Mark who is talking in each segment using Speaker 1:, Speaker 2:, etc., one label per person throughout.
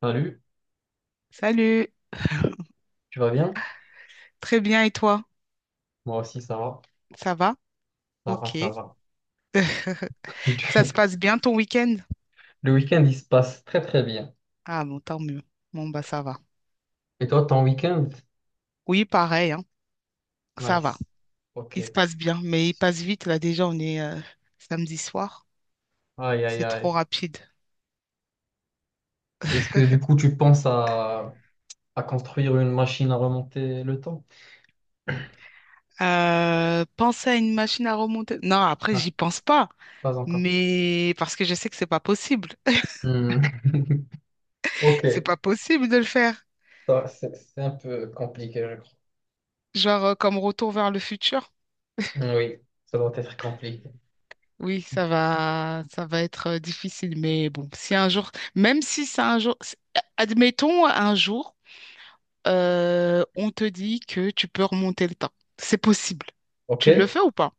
Speaker 1: Salut,
Speaker 2: Salut.
Speaker 1: tu vas bien?
Speaker 2: Très bien, et toi?
Speaker 1: Moi aussi, ça va.
Speaker 2: Ça va?
Speaker 1: Ça va,
Speaker 2: Ok.
Speaker 1: ça va.
Speaker 2: Ça se passe bien ton week-end?
Speaker 1: Le week-end, il se passe très, très bien.
Speaker 2: Ah bon, tant mieux. Bon, bah ça va.
Speaker 1: Et toi, ton week-end?
Speaker 2: Oui, pareil, hein. Ça va.
Speaker 1: Nice.
Speaker 2: Il se
Speaker 1: Ok.
Speaker 2: passe bien, mais il passe vite. Là, déjà, on est samedi soir.
Speaker 1: Aïe, aïe,
Speaker 2: C'est
Speaker 1: aïe.
Speaker 2: trop rapide.
Speaker 1: Est-ce que du coup, tu penses à construire une machine à remonter le temps?
Speaker 2: Penser à une machine à remonter. Non, après,
Speaker 1: Ouais,
Speaker 2: j'y pense pas.
Speaker 1: pas encore.
Speaker 2: Mais parce que je sais que c'est pas possible.
Speaker 1: Hmm. Ok.
Speaker 2: C'est pas possible de le faire.
Speaker 1: Ça, c'est un peu compliqué, je crois.
Speaker 2: Genre, comme retour vers le futur.
Speaker 1: Hmm, oui, ça doit être compliqué.
Speaker 2: Oui, ça va être difficile, mais bon, si un jour, même si c'est un jour, admettons un jour, on te dit que tu peux remonter le temps. C'est possible.
Speaker 1: Ok.
Speaker 2: Tu le fais ou pas?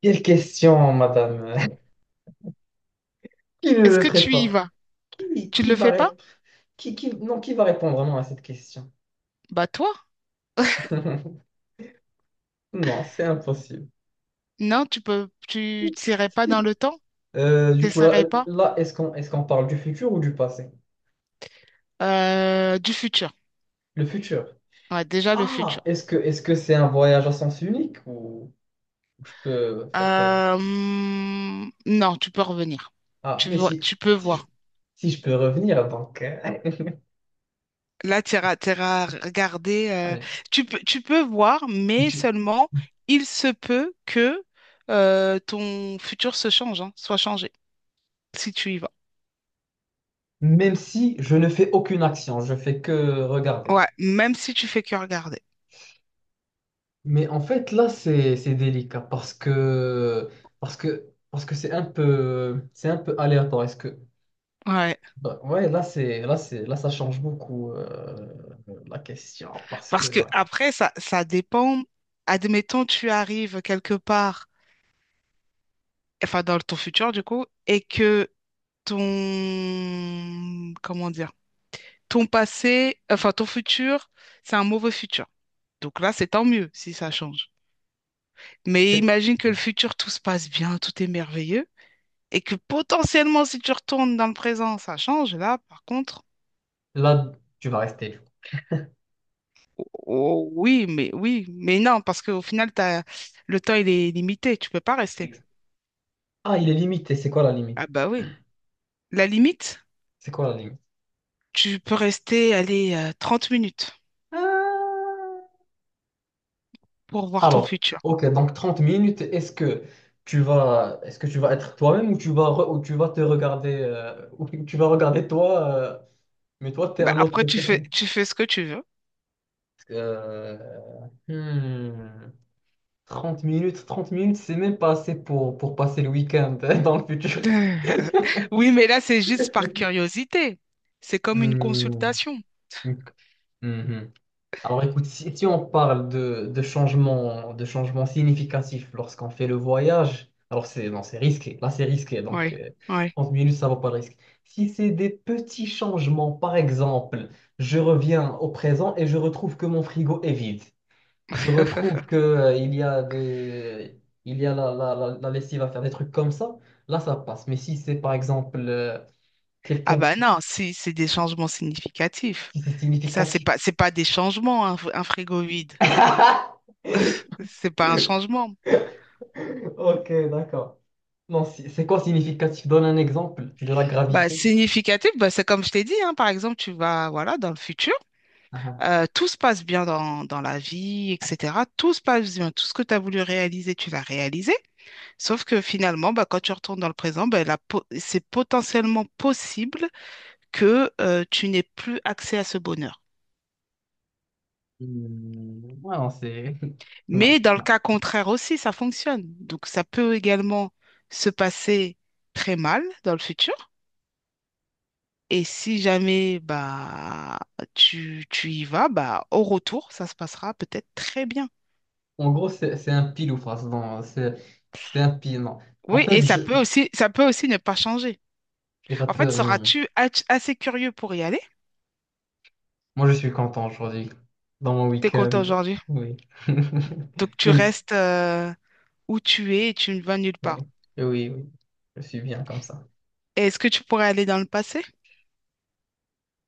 Speaker 1: Quelle question, madame? Qui ne
Speaker 2: Est-ce
Speaker 1: le
Speaker 2: que
Speaker 1: ferait
Speaker 2: tu y
Speaker 1: pas?
Speaker 2: vas?
Speaker 1: Qui,
Speaker 2: Tu
Speaker 1: qui
Speaker 2: le
Speaker 1: va
Speaker 2: fais pas?
Speaker 1: répondre? Non, qui va répondre vraiment à cette question?
Speaker 2: Bah toi,
Speaker 1: Non, c'est impossible.
Speaker 2: non, tu peux, tu t'irais pas dans
Speaker 1: Si.
Speaker 2: le temps,
Speaker 1: Du coup,
Speaker 2: t'essaierais pas.
Speaker 1: là est-ce qu'on parle du futur ou du passé?
Speaker 2: Du futur.
Speaker 1: Le futur.
Speaker 2: Ouais, déjà le
Speaker 1: Ah,
Speaker 2: futur.
Speaker 1: est-ce que c'est un voyage à sens unique ou je peux faire comme...
Speaker 2: Non, tu peux revenir.
Speaker 1: Ah,
Speaker 2: Tu
Speaker 1: mais
Speaker 2: vois, tu peux
Speaker 1: si je,
Speaker 2: voir.
Speaker 1: si je peux revenir, donc...
Speaker 2: Là, tu iras, tu regarder,
Speaker 1: ouais.
Speaker 2: tu peux voir, mais
Speaker 1: Je-
Speaker 2: seulement il se peut que ton futur se change, hein, soit changé, si tu y vas.
Speaker 1: Même si je ne fais aucune action, je fais que regarder.
Speaker 2: Ouais, même si tu fais que regarder.
Speaker 1: Mais en fait, là, c'est délicat parce que c'est un peu aléatoire. Est-ce que
Speaker 2: Ouais.
Speaker 1: bah, ouais, là, ça change beaucoup la question parce que
Speaker 2: Parce que
Speaker 1: ouais.
Speaker 2: après, ça dépend. Admettons, tu arrives quelque part, enfin dans ton futur du coup, et que ton, comment dire, ton passé, enfin ton futur, c'est un mauvais futur. Donc là, c'est tant mieux si ça change. Mais
Speaker 1: C'est-
Speaker 2: imagine que le futur, tout se passe bien, tout est merveilleux, et que potentiellement, si tu retournes dans le présent, ça change. Là, par contre,
Speaker 1: Là, tu vas rester.
Speaker 2: oh, oh, oui, mais non, parce qu'au final, t'as, le temps, il est limité, tu peux pas rester.
Speaker 1: Ex- Ah, il est limité. C'est quoi la limite?
Speaker 2: Ah bah oui. La limite,
Speaker 1: C'est quoi la limite?
Speaker 2: tu peux rester, allez, 30 minutes pour voir ton
Speaker 1: Alors,
Speaker 2: futur.
Speaker 1: ok, donc 30 minutes, est-ce que tu vas être toi-même ou ou tu vas te regarder, ou tu vas regarder toi, mais toi, t'es
Speaker 2: Bah
Speaker 1: un autre.
Speaker 2: après, tu fais ce que tu veux.
Speaker 1: Euh, hmm, 30 minutes, 30 minutes, c'est même pas assez pour passer le week-end dans le futur.
Speaker 2: Oui, mais là, c'est juste par curiosité. C'est comme une
Speaker 1: Hmm,
Speaker 2: consultation.
Speaker 1: ok, mhm. Alors écoute, si on parle de changements significatifs lorsqu'on fait le voyage, alors c'est non, c'est risqué, là c'est risqué, donc
Speaker 2: Oui, oui.
Speaker 1: 30 minutes, ça ne vaut pas le risque. Si c'est des petits changements, par exemple, je reviens au présent et je retrouve que mon frigo est vide. Je retrouve que il y a la lessive à faire, des trucs comme ça, là ça passe. Mais si c'est par exemple
Speaker 2: Ah
Speaker 1: quelqu'un
Speaker 2: bah
Speaker 1: qui
Speaker 2: non, si, c'est des changements significatifs.
Speaker 1: si c'est
Speaker 2: Ça, c'est
Speaker 1: significatif.
Speaker 2: pas, c'est pas des changements, un frigo vide. C'est pas un changement.
Speaker 1: Ok, d'accord. Non, c'est quoi significatif? Donne un exemple de la
Speaker 2: Bah,
Speaker 1: gravité.
Speaker 2: significatif, bah, c'est comme je t'ai dit, hein, par exemple, tu vas, voilà, dans le futur,
Speaker 1: Ah, ah.
Speaker 2: tout se passe bien dans la vie, etc. Tout se passe bien, tout ce que tu as voulu réaliser, tu l'as réalisé. Sauf que finalement, bah, quand tu retournes dans le présent, bah, c'est potentiellement possible que tu n'aies plus accès à ce bonheur.
Speaker 1: Hmm, ouais, non, c'est... Non,
Speaker 2: Mais dans le
Speaker 1: non.
Speaker 2: cas contraire aussi, ça fonctionne. Donc, ça peut également se passer très mal dans le futur. Et si jamais bah, tu y vas, bah, au retour, ça se passera peut-être très bien.
Speaker 1: En gros, c'est un pile ou face. Non, c'est un pile, non. En
Speaker 2: Oui, et
Speaker 1: fait,
Speaker 2: ça
Speaker 1: je...
Speaker 2: peut aussi, ça peut aussi ne pas changer.
Speaker 1: Et ça
Speaker 2: En fait,
Speaker 1: peut... hmm.
Speaker 2: seras-tu assez curieux pour y aller?
Speaker 1: Moi, je suis content aujourd'hui, dans mon
Speaker 2: T'es content
Speaker 1: week-end.
Speaker 2: aujourd'hui.
Speaker 1: Oui.
Speaker 2: Donc, tu
Speaker 1: Même-
Speaker 2: restes où tu es et tu ne vas nulle
Speaker 1: euh,
Speaker 2: part.
Speaker 1: Oui, oui. Je suis bien comme ça.
Speaker 2: Et est-ce que tu pourrais aller dans le passé?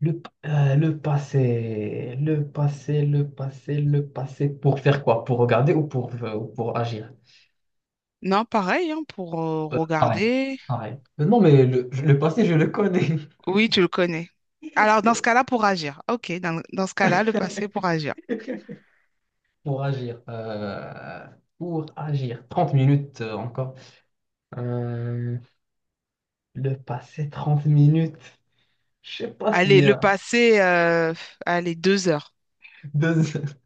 Speaker 1: Le, le passé, le passé, le passé, le passé. Pour faire quoi? Pour regarder ou pour agir?
Speaker 2: Non, pareil, hein, pour
Speaker 1: Pareil,
Speaker 2: regarder.
Speaker 1: pareil. Non, mais le passé, je le connais.
Speaker 2: Oui, tu le connais. Alors, dans ce cas-là, pour agir. OK, dans ce cas-là, le passé pour agir.
Speaker 1: Pour agir. euh, pour agir. 30 minutes encore. Euh, le passé, 30 minutes. Je sais pas
Speaker 2: Allez,
Speaker 1: si...
Speaker 2: le passé, allez, 2 heures.
Speaker 1: deux-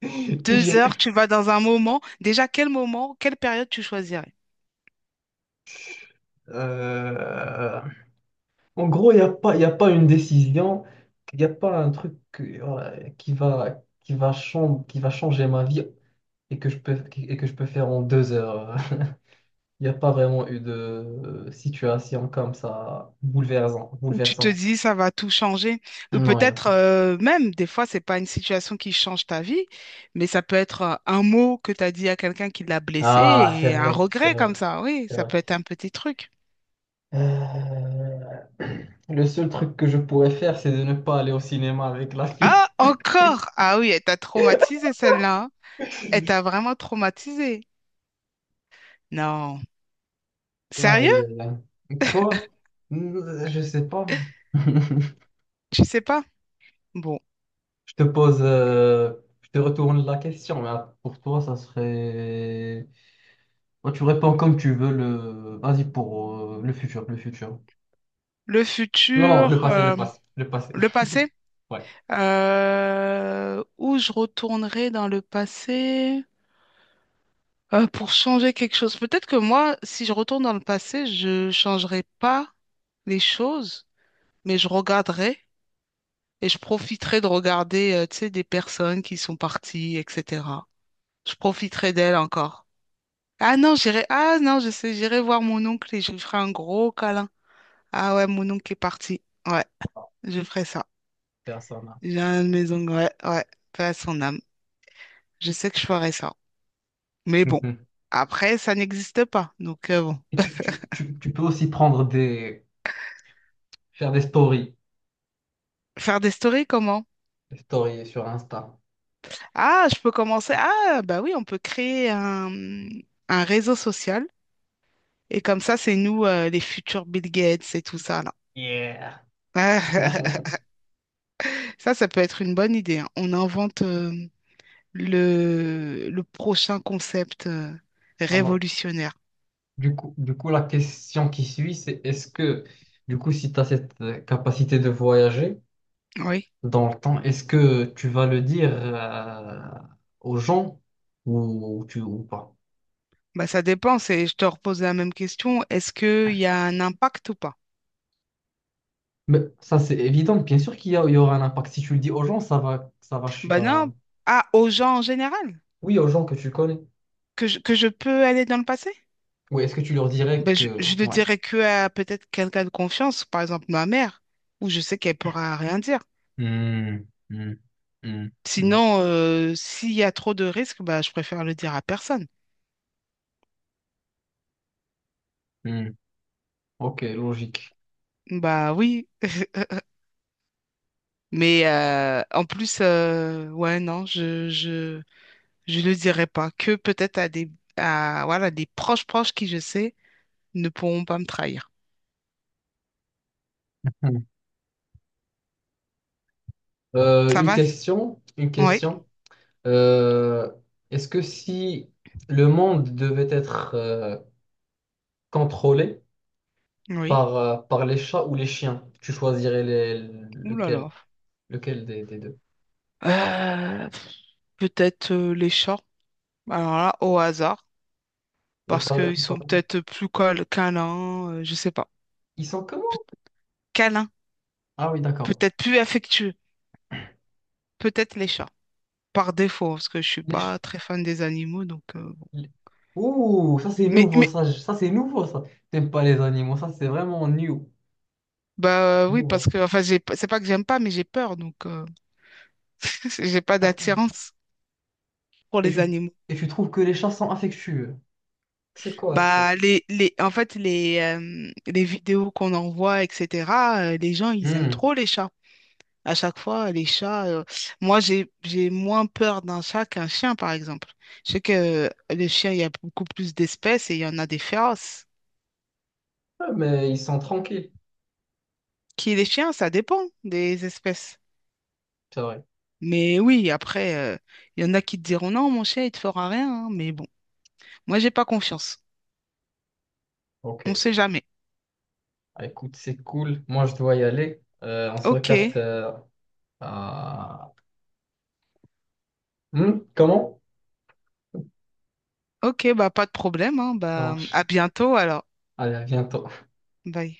Speaker 2: 2 heures,
Speaker 1: j'ai-
Speaker 2: tu vas dans un moment. Déjà, quel moment, quelle période tu choisirais?
Speaker 1: euh, en gros, il n'y a pas, y a pas une décision. Il n'y a pas un truc voilà, qui va changer ma vie et et que je peux faire en 2 heures. Il n'y a pas vraiment eu de situation comme ça bouleversant,
Speaker 2: Où tu te
Speaker 1: bouleversante.
Speaker 2: dis, ça va tout changer. Ou
Speaker 1: Non, il n'y a
Speaker 2: peut-être
Speaker 1: pas.
Speaker 2: même, des fois, c'est pas une situation qui change ta vie, mais ça peut être un mot que tu as dit à quelqu'un qui l'a blessé
Speaker 1: Ah, c'est
Speaker 2: et un
Speaker 1: vrai, c'est
Speaker 2: regret comme
Speaker 1: vrai,
Speaker 2: ça. Oui,
Speaker 1: c'est
Speaker 2: ça
Speaker 1: vrai.
Speaker 2: peut être un petit truc.
Speaker 1: Euh, Le seul truc que je pourrais faire, c'est de ne pas aller au cinéma avec la fille.
Speaker 2: Ah, encore! Ah oui, elle t'a traumatisé celle-là, hein. Elle t'a vraiment traumatisé. Non.
Speaker 1: Aïe,
Speaker 2: Sérieux?
Speaker 1: aïe, aïe. Quoi? Je sais pas. Je
Speaker 2: Tu sais pas? Bon.
Speaker 1: te pose, euh, je te retourne la question, mais pour toi, ça serait. Toi, tu réponds comme tu veux le. Vas-y pour le futur.
Speaker 2: Le
Speaker 1: Non, non,
Speaker 2: futur,
Speaker 1: le passé.
Speaker 2: le passé.
Speaker 1: Ouais,
Speaker 2: Où je retournerai dans le passé pour changer quelque chose. Peut-être que moi, si je retourne dans le passé, je changerai pas les choses, mais je regarderai et je profiterai de regarder, tu sais, des personnes qui sont parties, etc. Je profiterai d'elles encore. Ah non, j'irai. Ah non, je sais, j'irai voir mon oncle et je lui ferai un gros câlin. Ah ouais, mon oncle est parti. Ouais, je ferai ça.
Speaker 1: personne
Speaker 2: J'ai un de mes oncles. Ouais, ouais, paix à son âme. Je sais que je ferai ça. Mais bon,
Speaker 1: mhm.
Speaker 2: après, ça n'existe pas. Donc bon.
Speaker 1: Et tu peux aussi prendre des... faire des stories.
Speaker 2: Faire des stories, comment?
Speaker 1: Des stories sur Insta.
Speaker 2: Ah, je peux commencer. Ah, bah oui, on peut créer un réseau social. Et comme ça, c'est nous, les futurs Bill Gates et tout ça, là.
Speaker 1: Yeah.
Speaker 2: Ça peut être une bonne idée, hein. On invente, le prochain concept
Speaker 1: Alors,
Speaker 2: révolutionnaire?
Speaker 1: du coup, la question qui suit, c'est est-ce que, du coup, si tu as cette capacité de voyager
Speaker 2: Oui,
Speaker 1: dans le temps, est-ce que tu vas le dire aux gens ou pas?
Speaker 2: bah ça dépend. Je te repose la même question. Est-ce qu'il y a un impact ou pas?
Speaker 1: Mais ça, c'est évident. Bien sûr il y aura un impact. Si tu le dis aux gens, ça va, je sais
Speaker 2: Bah
Speaker 1: pas.
Speaker 2: non, ah, aux gens en général,
Speaker 1: Oui, aux gens que tu connais.
Speaker 2: que je peux aller dans le passé?
Speaker 1: Oui, est-ce que tu leur dirais
Speaker 2: Bah, je,
Speaker 1: que...
Speaker 2: je ne
Speaker 1: ouais.
Speaker 2: dirais que à peut-être quelqu'un de confiance, par exemple ma mère, où je sais qu'elle pourra rien dire.
Speaker 1: Hmm, hmm, hmm, hmm,
Speaker 2: Sinon, s'il y a trop de risques, bah, je préfère le dire à personne.
Speaker 1: hmm. Ok, logique.
Speaker 2: Bah oui, mais en plus, ouais, non, je ne le dirai pas. Que peut-être à des, à, voilà, des proches proches qui, je sais, ne pourront pas me trahir.
Speaker 1: Hmm.
Speaker 2: Ça
Speaker 1: Une
Speaker 2: va?
Speaker 1: question, une
Speaker 2: Oui,
Speaker 1: question. Euh, Est-ce que si le monde devait être contrôlé
Speaker 2: oui.
Speaker 1: par les chats ou les chiens, tu choisirais
Speaker 2: Ouh là là.
Speaker 1: lequel des deux?
Speaker 2: Euh, Peut-être les chats. Alors là, au hasard.
Speaker 1: Il y a
Speaker 2: Parce
Speaker 1: pas,
Speaker 2: qu'ils
Speaker 1: pas-
Speaker 2: sont peut-être plus câlins, je sais pas.
Speaker 1: Ils sont comment?
Speaker 2: Pe- Câlins.
Speaker 1: Ah oui, d'accord.
Speaker 2: Peut-être plus affectueux. Peut-être les chats. Par défaut, parce que je suis
Speaker 1: Les
Speaker 2: pas
Speaker 1: ch-
Speaker 2: très fan des animaux, donc, bon.
Speaker 1: les- Ouh, ça c'est
Speaker 2: Mais,
Speaker 1: nouveau,
Speaker 2: mais,
Speaker 1: ça c'est nouveau, ça. T'aimes pas les animaux, ça c'est vraiment new.
Speaker 2: bah
Speaker 1: C'est
Speaker 2: oui,
Speaker 1: nouveau,
Speaker 2: parce que, enfin, j'ai, pas- c'est pas que j'aime pas, mais j'ai peur, donc. J'ai pas
Speaker 1: ça.
Speaker 2: d'attirance pour
Speaker 1: Et
Speaker 2: les
Speaker 1: tu,
Speaker 2: animaux.
Speaker 1: et tu trouves que les chats sont affectueux. C'est quoi ça?
Speaker 2: Bah, en fait, les vidéos qu'on envoie, etc., les gens, ils aiment
Speaker 1: Hmm.
Speaker 2: trop les chats. À chaque fois, les chats, moi, j'ai moins peur d'un chat qu'un chien, par exemple. Je sais que les chiens, il y a beaucoup plus d'espèces et il y en a des féroces.
Speaker 1: Ah, mais ils sont tranquilles,
Speaker 2: Qui les chiens, ça dépend des espèces.
Speaker 1: c'est vrai.
Speaker 2: Mais oui, après, il y en a qui te diront non, mon chien, il te fera rien, hein. Mais bon, moi, j'ai pas confiance. On
Speaker 1: Ok.
Speaker 2: sait jamais.
Speaker 1: Ah, écoute, c'est cool. Moi, je dois y aller. On se
Speaker 2: Ok,
Speaker 1: recapte à... Hmm, comment?
Speaker 2: ok, bah, pas de problème, hein.
Speaker 1: Ça
Speaker 2: Bah,
Speaker 1: marche.
Speaker 2: à bientôt alors.
Speaker 1: Allez, à bientôt.
Speaker 2: Bye.